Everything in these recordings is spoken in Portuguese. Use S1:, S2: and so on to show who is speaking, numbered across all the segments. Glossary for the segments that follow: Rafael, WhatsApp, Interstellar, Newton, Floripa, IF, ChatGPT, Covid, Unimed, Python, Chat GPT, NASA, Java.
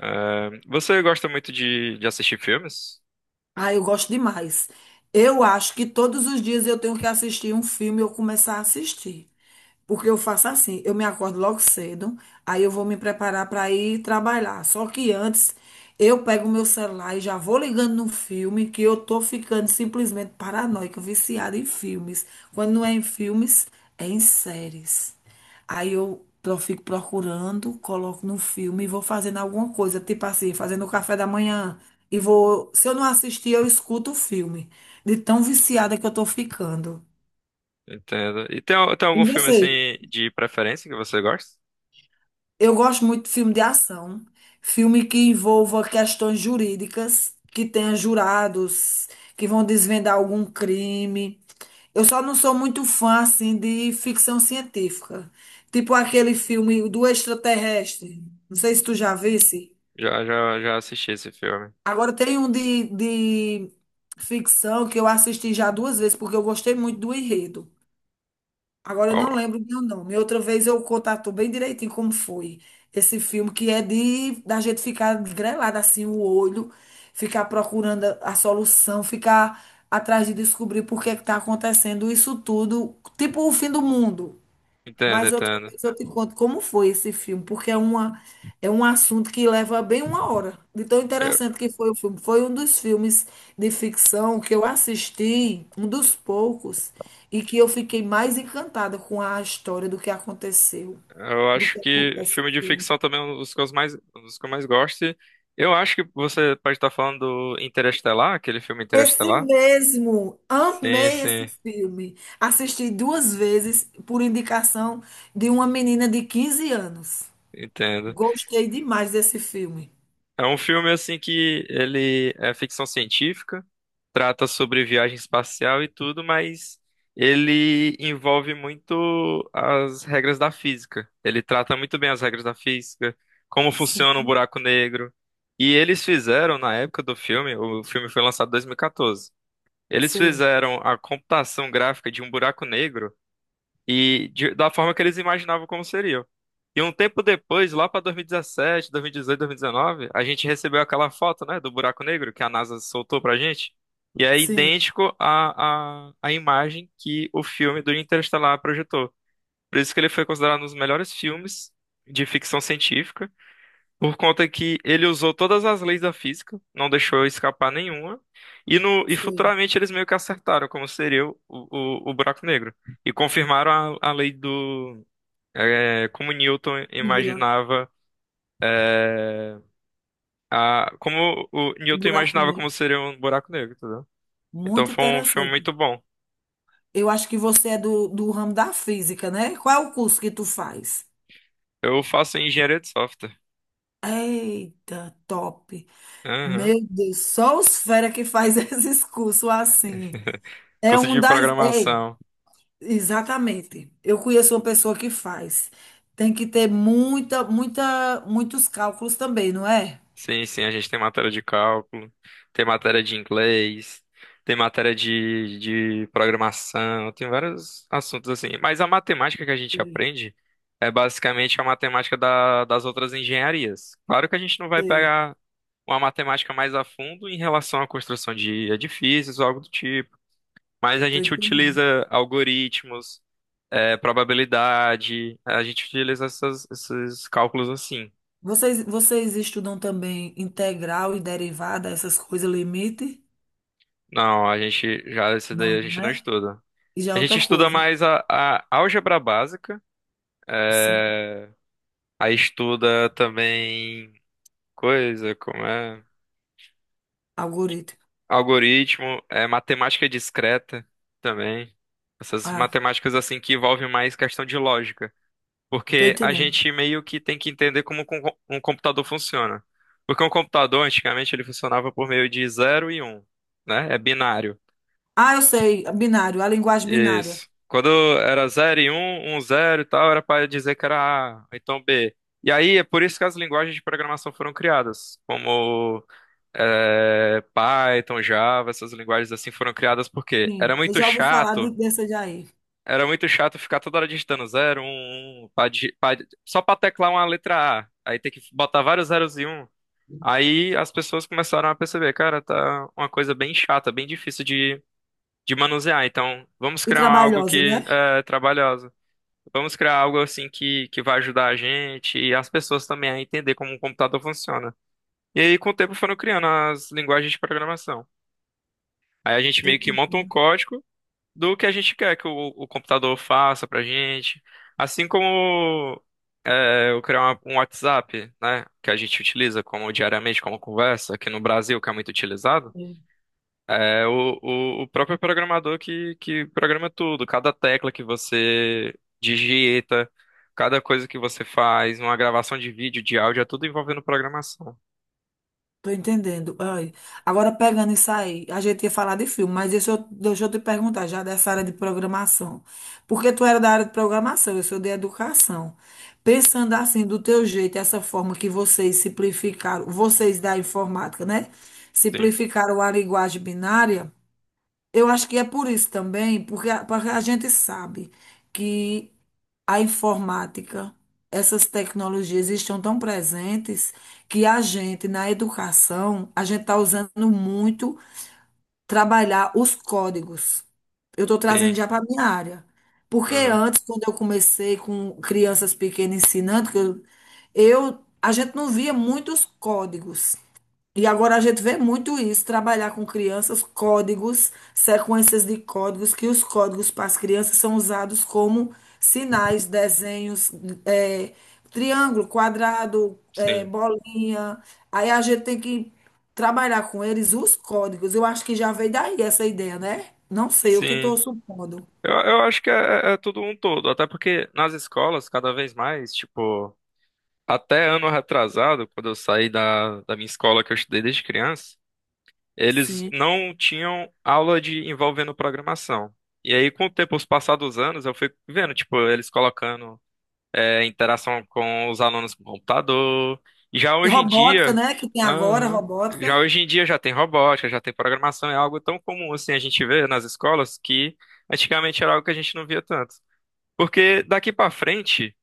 S1: É, você gosta muito de assistir filmes?
S2: Ah, eu gosto demais. Eu acho que todos os dias eu tenho que assistir um filme e eu começar a assistir. Porque eu faço assim, eu me acordo logo cedo, aí eu vou me preparar para ir trabalhar. Só que antes eu pego o meu celular e já vou ligando no filme que eu tô ficando simplesmente paranoica, viciada em filmes. Quando não é em filmes, é em séries. Aí eu fico procurando, coloco no filme e vou fazendo alguma coisa, tipo assim, fazendo o café da manhã. E vou, se eu não assistir, eu escuto o filme, de tão viciada que eu tô ficando.
S1: Entendo. E tem, tem
S2: E
S1: algum filme
S2: você?
S1: assim de preferência que você gosta?
S2: Eu gosto muito de filme de ação, filme que envolva questões jurídicas, que tenha jurados, que vão desvendar algum crime. Eu só não sou muito fã, assim, de ficção científica. Tipo aquele filme do extraterrestre. Não sei se tu já visse.
S1: Já assisti esse filme.
S2: Agora tem um de ficção que eu assisti já duas vezes, porque eu gostei muito do enredo. Agora eu
S1: Qual?
S2: não lembro o meu nome. Outra vez eu contato bem direitinho como foi esse filme, que é de da gente ficar grelado assim o olho, ficar procurando a solução, ficar atrás de descobrir por que está acontecendo isso tudo, tipo o fim do mundo. Mas outra
S1: Entendo.
S2: vez eu te conto como foi esse filme, porque é um assunto que leva bem uma hora. De tão
S1: Eu,
S2: interessante que foi o filme. Foi um dos filmes de ficção que eu assisti, um dos poucos, e que eu fiquei mais encantada com a história do que aconteceu,
S1: eu
S2: do
S1: acho
S2: que
S1: que filme de
S2: aconteceu.
S1: ficção também é um dos que eu mais, um dos que eu mais gosto. E eu acho que você pode estar falando do Interestelar, aquele filme
S2: Esse
S1: Interestelar.
S2: mesmo,
S1: Sim,
S2: amei esse
S1: sim,
S2: filme. Assisti duas vezes por indicação de uma menina de 15 anos.
S1: Entendo.
S2: Gostei demais desse filme.
S1: É um filme assim que ele é ficção científica, trata sobre viagem espacial e tudo, mas ele envolve muito as regras da física. Ele trata muito bem as regras da física, como funciona um
S2: Sim.
S1: buraco negro. E eles fizeram na época do filme, o filme foi lançado em 2014. Eles
S2: Sei,
S1: fizeram a computação gráfica de um buraco negro e da forma que eles imaginavam como seriam. E um tempo depois, lá para 2017, 2018, 2019, a gente recebeu aquela foto, né, do buraco negro que a NASA soltou pra gente. E é
S2: sim,
S1: idêntico à imagem que o filme do Interestelar projetou. Por isso que ele foi considerado um dos melhores filmes de ficção científica. Por conta que ele usou todas as leis da física, não deixou escapar nenhuma, e, no, e
S2: sei.
S1: futuramente eles meio que acertaram como seria o buraco negro. E confirmaram a lei do. Como Newton
S2: O buraco,
S1: imaginava. Como o
S2: o
S1: Newton
S2: buraco
S1: imaginava
S2: negro.
S1: como seria um buraco negro, entendeu? Então
S2: Muito
S1: foi um filme
S2: interessante.
S1: muito bom.
S2: Eu acho que você é do ramo da física, né? Qual é o curso que tu faz?
S1: Eu faço engenharia de software.
S2: Eita, top.
S1: Aham.
S2: Meu Deus, só os fera que faz esses cursos assim.
S1: Curso de
S2: Ei,
S1: programação.
S2: exatamente. Eu conheço uma pessoa que faz. Tem que ter muita, muita, muitos cálculos também, não é?
S1: Sim, a gente tem matéria de cálculo, tem matéria de inglês, tem matéria de programação, tem vários assuntos assim. Mas a matemática que a gente
S2: Sei,
S1: aprende é basicamente a matemática das outras engenharias. Claro que a gente não vai
S2: sei.
S1: pegar uma matemática mais a fundo em relação à construção de edifícios ou algo do tipo, mas a
S2: Tô
S1: gente
S2: entendendo.
S1: utiliza algoritmos, probabilidade, a gente utiliza esses cálculos assim.
S2: Vocês estudam também integral e derivada, essas coisas, limite?
S1: Não, a gente já, esse daí
S2: Não,
S1: a gente não
S2: né?
S1: estuda.
S2: E já é
S1: A
S2: outra
S1: gente estuda
S2: coisa.
S1: mais a álgebra básica,
S2: Sim,
S1: é, aí estuda também coisa como é
S2: algoritmo.
S1: algoritmo, é matemática discreta também. Essas
S2: Ah,
S1: matemáticas assim que envolvem mais questão de lógica,
S2: tô
S1: porque a
S2: entendendo.
S1: gente meio que tem que entender como um computador funciona. Porque um computador antigamente ele funcionava por meio de zero e um, né? É binário.
S2: Ah, eu sei, binário, a linguagem binária.
S1: Isso. Quando era zero, e um 1, 0 e tal, era para dizer que era A, então B. E aí, é por isso que as linguagens de programação foram criadas, como Python, Java, essas linguagens assim foram criadas porque
S2: Sim, eu já ouvi falar dessa daí.
S1: era muito chato ficar toda hora digitando zero, um, 1, pra só para teclar uma letra A, aí tem que botar vários zeros e um. Aí as pessoas começaram a perceber, cara, tá uma coisa bem chata, bem difícil de manusear. Então, vamos
S2: E
S1: criar algo
S2: trabalhosa,
S1: que
S2: né?
S1: é trabalhoso. Vamos criar algo assim que vai ajudar a gente e as pessoas também a entender como um computador funciona. E aí, com o tempo, foram criando as linguagens de programação. Aí a gente
S2: Tô
S1: meio que monta um
S2: entendendo.
S1: código do que a gente quer que o computador faça pra gente. Assim como eu criar um WhatsApp, né, que a gente utiliza como diariamente, como conversa, aqui no Brasil, que é muito utilizado.
S2: É.
S1: É o próprio programador que programa tudo, cada tecla que você digita, cada coisa que você faz, uma gravação de vídeo, de áudio, é tudo envolvendo programação.
S2: Tô entendendo. Ai, agora pegando isso aí, a gente ia falar de filme, mas deixa eu te perguntar já dessa área de programação. Porque tu era da área de programação, eu sou de educação. Pensando assim, do teu jeito, essa forma que vocês simplificaram, vocês da informática, né?
S1: Sim,
S2: Simplificaram a linguagem binária, eu acho que é por isso também, porque a gente sabe que a informática, essas tecnologias estão tão presentes que a gente, na educação, a gente está usando muito trabalhar os códigos. Eu estou trazendo
S1: sim,
S2: já para a minha área. Porque
S1: uhum,
S2: antes, quando eu comecei com crianças pequenas ensinando, a gente não via muitos códigos. E agora a gente vê muito isso, trabalhar com crianças, códigos, sequências de códigos, que os códigos para as crianças são usados como sinais, desenhos, é, triângulo, quadrado, é,
S1: sim,
S2: bolinha. Aí a gente tem que trabalhar com eles os códigos. Eu acho que já veio daí essa ideia, né? Não sei, o que
S1: sim.
S2: estou supondo.
S1: Eu acho que é tudo um todo, até porque nas escolas, cada vez mais, tipo, até ano retrasado, quando eu saí da minha escola que eu estudei desde criança, eles
S2: Sim.
S1: não tinham aula de envolvendo programação. E aí, com o tempo, os passados anos, eu fui vendo, tipo, eles colocando interação com os alunos com computador. E já
S2: E
S1: hoje em
S2: robótica,
S1: dia,
S2: né? Que tem agora,
S1: aham, já
S2: robótica,
S1: hoje em dia já tem robótica, já tem programação, é algo tão comum assim a gente vê nas escolas que antigamente era algo que a gente não via tanto. Porque daqui para frente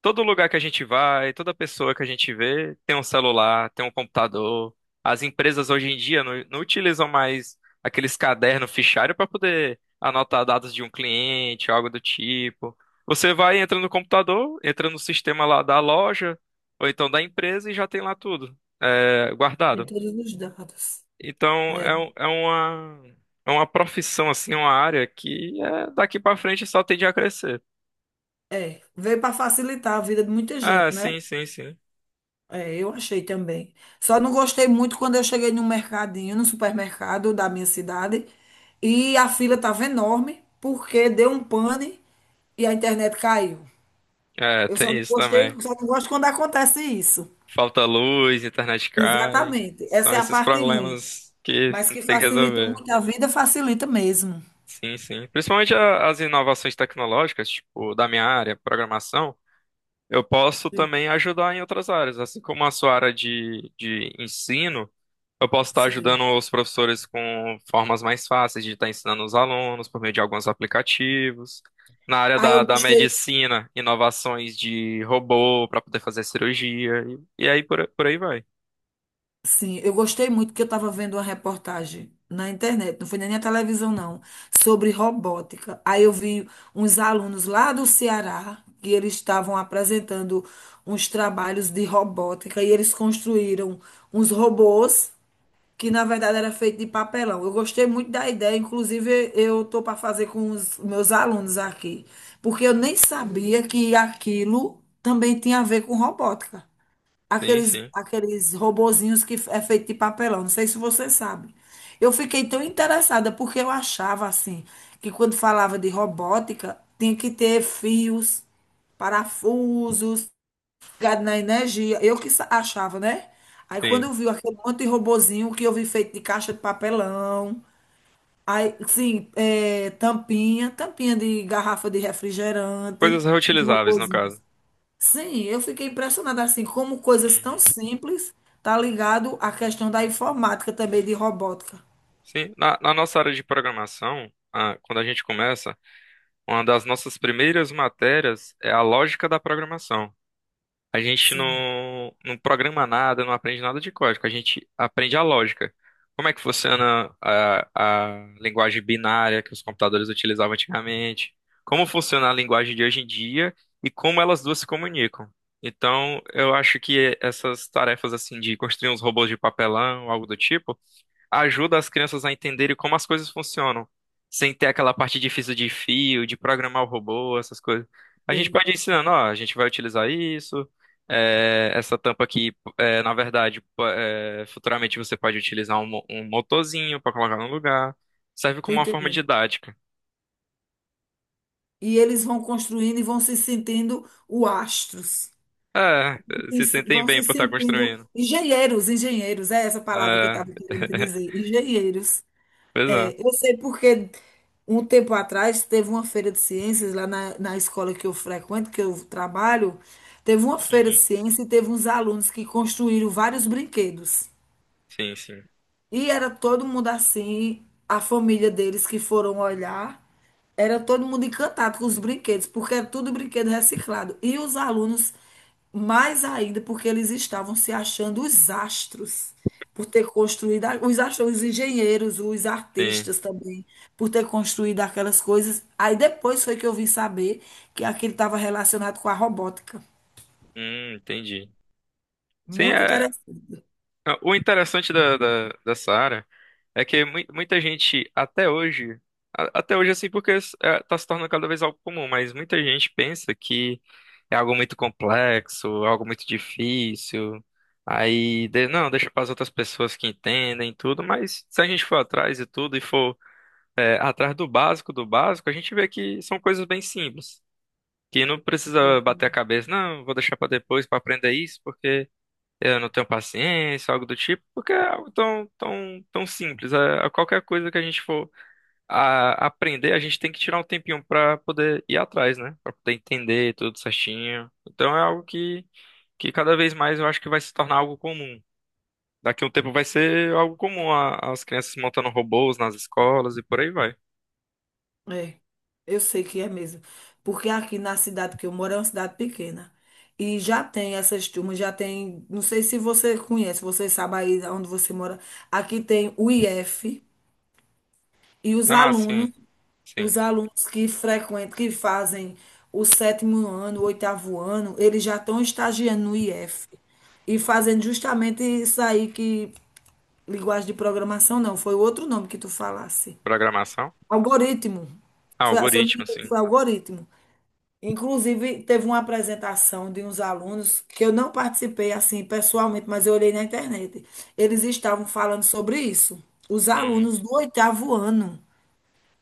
S1: todo lugar que a gente vai, toda pessoa que a gente vê tem um celular, tem um computador. As empresas hoje em dia não utilizam mais aqueles cadernos fichário para poder anotar dados de um cliente, algo do tipo. Você vai, entra no computador, entra no sistema lá da loja, ou então da empresa e já tem lá tudo,
S2: tem
S1: guardado.
S2: todos os dados.
S1: Então
S2: É,
S1: uma, é uma profissão, assim, uma área que é, daqui para frente só tende a crescer.
S2: é. Veio para facilitar a vida de muita
S1: Ah,
S2: gente, né?
S1: sim.
S2: É, eu achei também. Só não gostei muito quando eu cheguei no mercadinho, no supermercado da minha cidade, e a fila estava enorme, porque deu um pane e a internet caiu.
S1: É,
S2: Eu só
S1: tem
S2: não
S1: isso
S2: gostei,
S1: também.
S2: só não gosto quando acontece isso.
S1: Falta luz, internet cai.
S2: Exatamente. Essa
S1: São
S2: é a
S1: esses
S2: parte ruim.
S1: problemas que
S2: Mas que
S1: tem que
S2: facilita
S1: resolver.
S2: muito a vida, facilita mesmo.
S1: Sim, sim. Principalmente as inovações tecnológicas, tipo, da minha área, programação, eu posso
S2: Sim,
S1: também ajudar em outras áreas. Assim como a sua área de ensino, eu posso estar ajudando
S2: sim.
S1: os professores com formas mais fáceis de estar ensinando os alunos por meio de alguns aplicativos. Na área
S2: Aí eu
S1: da
S2: gostei.
S1: medicina, inovações de robô para poder fazer cirurgia, e aí por aí vai.
S2: Sim, eu gostei muito que eu estava vendo uma reportagem na internet, não foi nem na televisão, não, sobre robótica. Aí eu vi uns alunos lá do Ceará que eles estavam apresentando uns trabalhos de robótica e eles construíram uns robôs que na verdade era feito de papelão. Eu gostei muito da ideia, inclusive eu tô para fazer com os meus alunos aqui, porque eu nem sabia que aquilo também tinha a ver com robótica
S1: Sim,
S2: aqueles,
S1: sim.
S2: aqueles robozinhos que é feito de papelão. Não sei se você sabe. Eu fiquei tão interessada porque eu achava assim que quando falava de robótica tinha que ter fios, parafusos, ligado na energia. Eu que achava, né? Aí quando
S1: Sim.
S2: eu vi aquele monte de robozinho que eu vi feito de caixa de papelão, aí sim, é, tampinha, tampinha de garrafa de refrigerante,
S1: Coisas
S2: os
S1: reutilizáveis, no caso.
S2: robozinhos. Sim, eu fiquei impressionada assim, como coisas tão
S1: Uhum.
S2: simples tá ligado à questão da informática também, de robótica.
S1: Sim. Na nossa área de programação, ah, quando a gente começa, uma das nossas primeiras matérias é a lógica da programação. A gente
S2: Sim,
S1: não programa nada, não aprende nada de código, a gente aprende a lógica. Como é que funciona a linguagem binária que os computadores utilizavam antigamente? Como funciona a linguagem de hoje em dia e como elas duas se comunicam? Então, eu acho que essas tarefas assim de construir uns robôs de papelão, algo do tipo, ajuda as crianças a entenderem como as coisas funcionam, sem ter aquela parte difícil de fio, de programar o robô, essas coisas. A gente
S2: sei,
S1: pode ir ensinando, ó, a gente vai utilizar isso, essa tampa aqui, é, na verdade, futuramente você pode utilizar um, um motorzinho para colocar no lugar. Serve
S2: tô
S1: como uma forma
S2: entendendo.
S1: didática.
S2: E eles vão construindo e vão se sentindo o astros.
S1: É,
S2: E
S1: se sentem
S2: vão
S1: bem
S2: se
S1: por estar
S2: sentindo
S1: construindo.
S2: engenheiros, engenheiros, é essa palavra que eu
S1: É,
S2: estava querendo te dizer, engenheiros.
S1: pois é.
S2: É, eu sei porque um tempo atrás teve uma feira de ciências lá na escola que eu frequento, que eu trabalho. Teve uma feira de
S1: Uhum.
S2: ciências e teve uns alunos que construíram vários brinquedos.
S1: Sim, sim,
S2: E era todo mundo assim, a família deles que foram olhar, era todo mundo encantado com os brinquedos, porque era tudo brinquedo reciclado. E os alunos, mais ainda, porque eles estavam se achando os astros, por ter construído, os astros, os engenheiros, os
S1: sim.
S2: artistas também, por ter construído aquelas coisas. Aí depois foi que eu vim saber que aquilo estava relacionado com a robótica.
S1: Entendi. Sim,
S2: Muito
S1: é.
S2: interessante.
S1: Ah, o interessante dessa área é que muita gente até hoje, até hoje assim, porque está se tornando cada vez algo comum, mas muita gente pensa que é algo muito complexo, algo muito difícil. Aí, não, deixa para as outras pessoas que entendem tudo, mas se a gente for atrás e tudo e for atrás do básico, a gente vê que são coisas bem simples, que não precisa bater a cabeça, não, vou deixar para depois para aprender isso, porque eu não tenho paciência, algo do tipo, porque é algo tão, tão, tão simples. É, é qualquer coisa que a gente for aprender, a gente tem que tirar um tempinho pra poder ir atrás, né? Pra poder entender tudo certinho. Então é algo que cada vez mais eu acho que vai se tornar algo comum. Daqui a um tempo vai ser algo comum as crianças montando robôs nas escolas e por aí vai.
S2: É, eu sei que é mesmo. Porque aqui na cidade que eu moro é uma cidade pequena. E já tem essas turmas, já tem. Não sei se você conhece, você sabe aí onde você mora. Aqui tem o IF e
S1: Ah, sim, sim.
S2: os alunos que frequentam, que fazem o sétimo ano, o oitavo ano, eles já estão estagiando no IF e fazendo justamente isso aí que. Linguagem de programação, não, foi outro nome que tu falasse.
S1: Programação?
S2: Algoritmo.
S1: Ah,
S2: Foi, se eu não me
S1: algoritmo,
S2: engano,
S1: sim.
S2: foi algoritmo. Inclusive, teve uma apresentação de uns alunos que eu não participei assim pessoalmente, mas eu olhei na internet. Eles estavam falando sobre isso. Os
S1: Uhum,
S2: alunos do oitavo ano.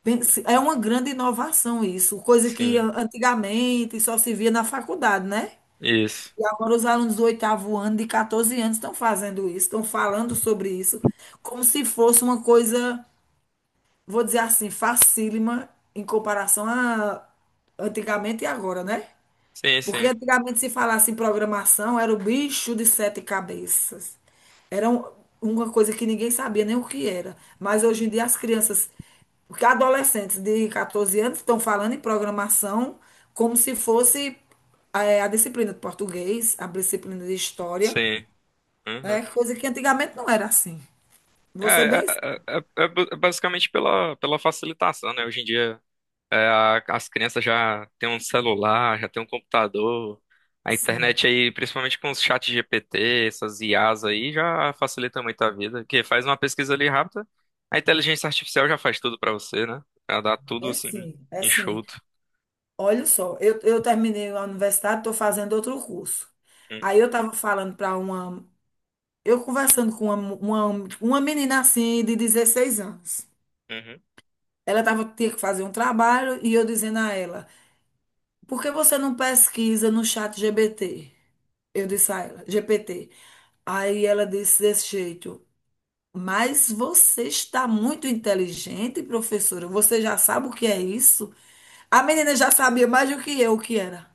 S2: É uma grande inovação isso, coisa que
S1: sim.
S2: antigamente só se via na faculdade, né?
S1: Isso.
S2: E agora os alunos do oitavo ano, de 14 anos, estão fazendo isso, estão falando sobre isso, como se fosse uma coisa, vou dizer assim, facílima em comparação a antigamente e agora, né?
S1: Sim,
S2: Porque
S1: sim,
S2: antigamente se falasse em programação, era o bicho de sete cabeças. Era uma coisa que ninguém sabia nem o que era. Mas hoje em dia as crianças, porque adolescentes de 14 anos estão falando em programação como se fosse a disciplina de português, a disciplina de história,
S1: sim. Uhum.
S2: né? Coisa que antigamente não era assim.
S1: É,
S2: Você
S1: é,
S2: bem
S1: é basicamente pela facilitação, né? Hoje em dia, as crianças já têm um celular, já têm um computador, a
S2: Sim,
S1: internet aí, principalmente com os chats GPT, essas IAs aí, já facilita muito a vida. Porque faz uma pesquisa ali rápida, a inteligência artificial já faz tudo pra você, né? Já dá tudo
S2: é
S1: assim,
S2: sim, é sim.
S1: enxuto.
S2: Olha só, eu terminei a universidade, estou fazendo outro curso. Aí
S1: Hum,
S2: eu estava falando para uma Eu conversando com tipo, uma menina assim de 16 anos.
S1: uhum.
S2: Ela tava, tinha que fazer um trabalho e eu dizendo a ela, por que você não pesquisa no chat GPT? Eu disse a ela, GPT. Aí ela disse desse jeito, mas você está muito inteligente, professora. Você já sabe o que é isso? A menina já sabia mais do que eu o que era.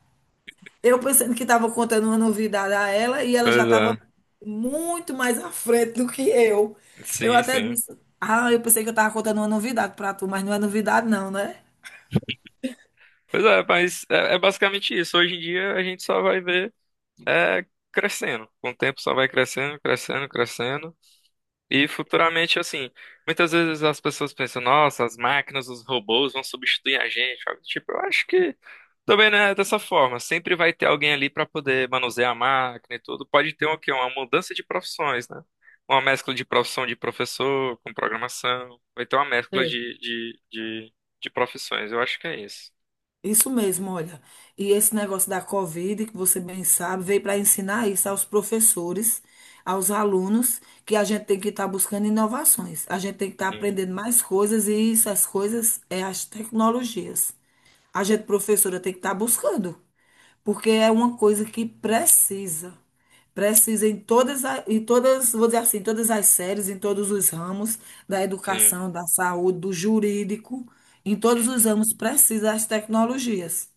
S2: Eu pensando que estava contando uma novidade a ela e ela já
S1: Pois
S2: estava
S1: é,
S2: muito mais à frente do que eu. Eu
S1: sim,
S2: até
S1: sim.
S2: disse, ah, eu pensei que eu estava contando uma novidade para tu, mas não é novidade não, né?
S1: Pois é, mas é, é basicamente isso. Hoje em dia a gente só vai ver. é Crescendo. Com o tempo só vai crescendo, crescendo, crescendo. E futuramente, assim, muitas vezes as pessoas pensam, nossa, as máquinas, os robôs vão substituir a gente. Sabe? Tipo, eu acho que também não é dessa forma. Sempre vai ter alguém ali para poder manusear a máquina e tudo. Pode ter o quê? Uma mudança de profissões, né? Uma mescla de profissão de professor com programação. Vai ter uma mescla
S2: É.
S1: de profissões. Eu acho que é isso.
S2: Isso mesmo, olha. E esse negócio da Covid, que você bem sabe, veio para ensinar isso aos professores, aos alunos, que a gente tem que estar buscando inovações. A gente tem que estar
S1: Sim.
S2: aprendendo mais coisas e essas coisas é as tecnologias. A gente, professora, tem que estar buscando. Porque é uma coisa que precisa. Precisa em todas, em todas, vou dizer assim, em todas as séries, em todos os ramos da
S1: Sim.
S2: educação, da saúde, do jurídico, em todos os
S1: Uhum.
S2: ramos precisa as tecnologias,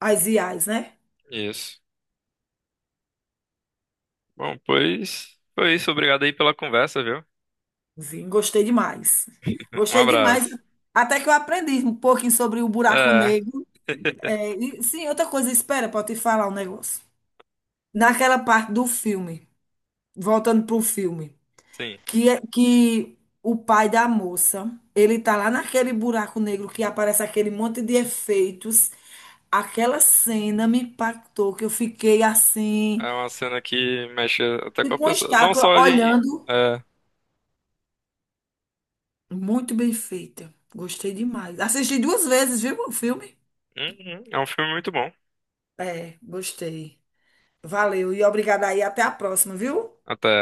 S2: as IAs, né?
S1: Isso. Bom, pois foi isso. Obrigado aí pela conversa, viu?
S2: Sim, gostei demais.
S1: Um
S2: Gostei demais.
S1: abraço.
S2: Até que eu aprendi um pouquinho sobre o buraco
S1: É,
S2: negro. É, e, sim, outra coisa, espera, para te falar um negócio. Naquela parte do filme, voltando para o filme,
S1: sim.
S2: que, que o pai da moça, ele tá lá naquele buraco negro que aparece aquele monte de efeitos. Aquela cena me impactou, que eu fiquei assim,
S1: É uma cena que mexe até com a
S2: com a
S1: pessoa. Não
S2: estátua
S1: só de.
S2: olhando.
S1: É,
S2: Muito bem feita. Gostei demais. Assisti duas vezes, viu, o filme?
S1: uhum, é um filme muito bom.
S2: É, gostei. Valeu e obrigada aí. Até a próxima, viu?
S1: Até.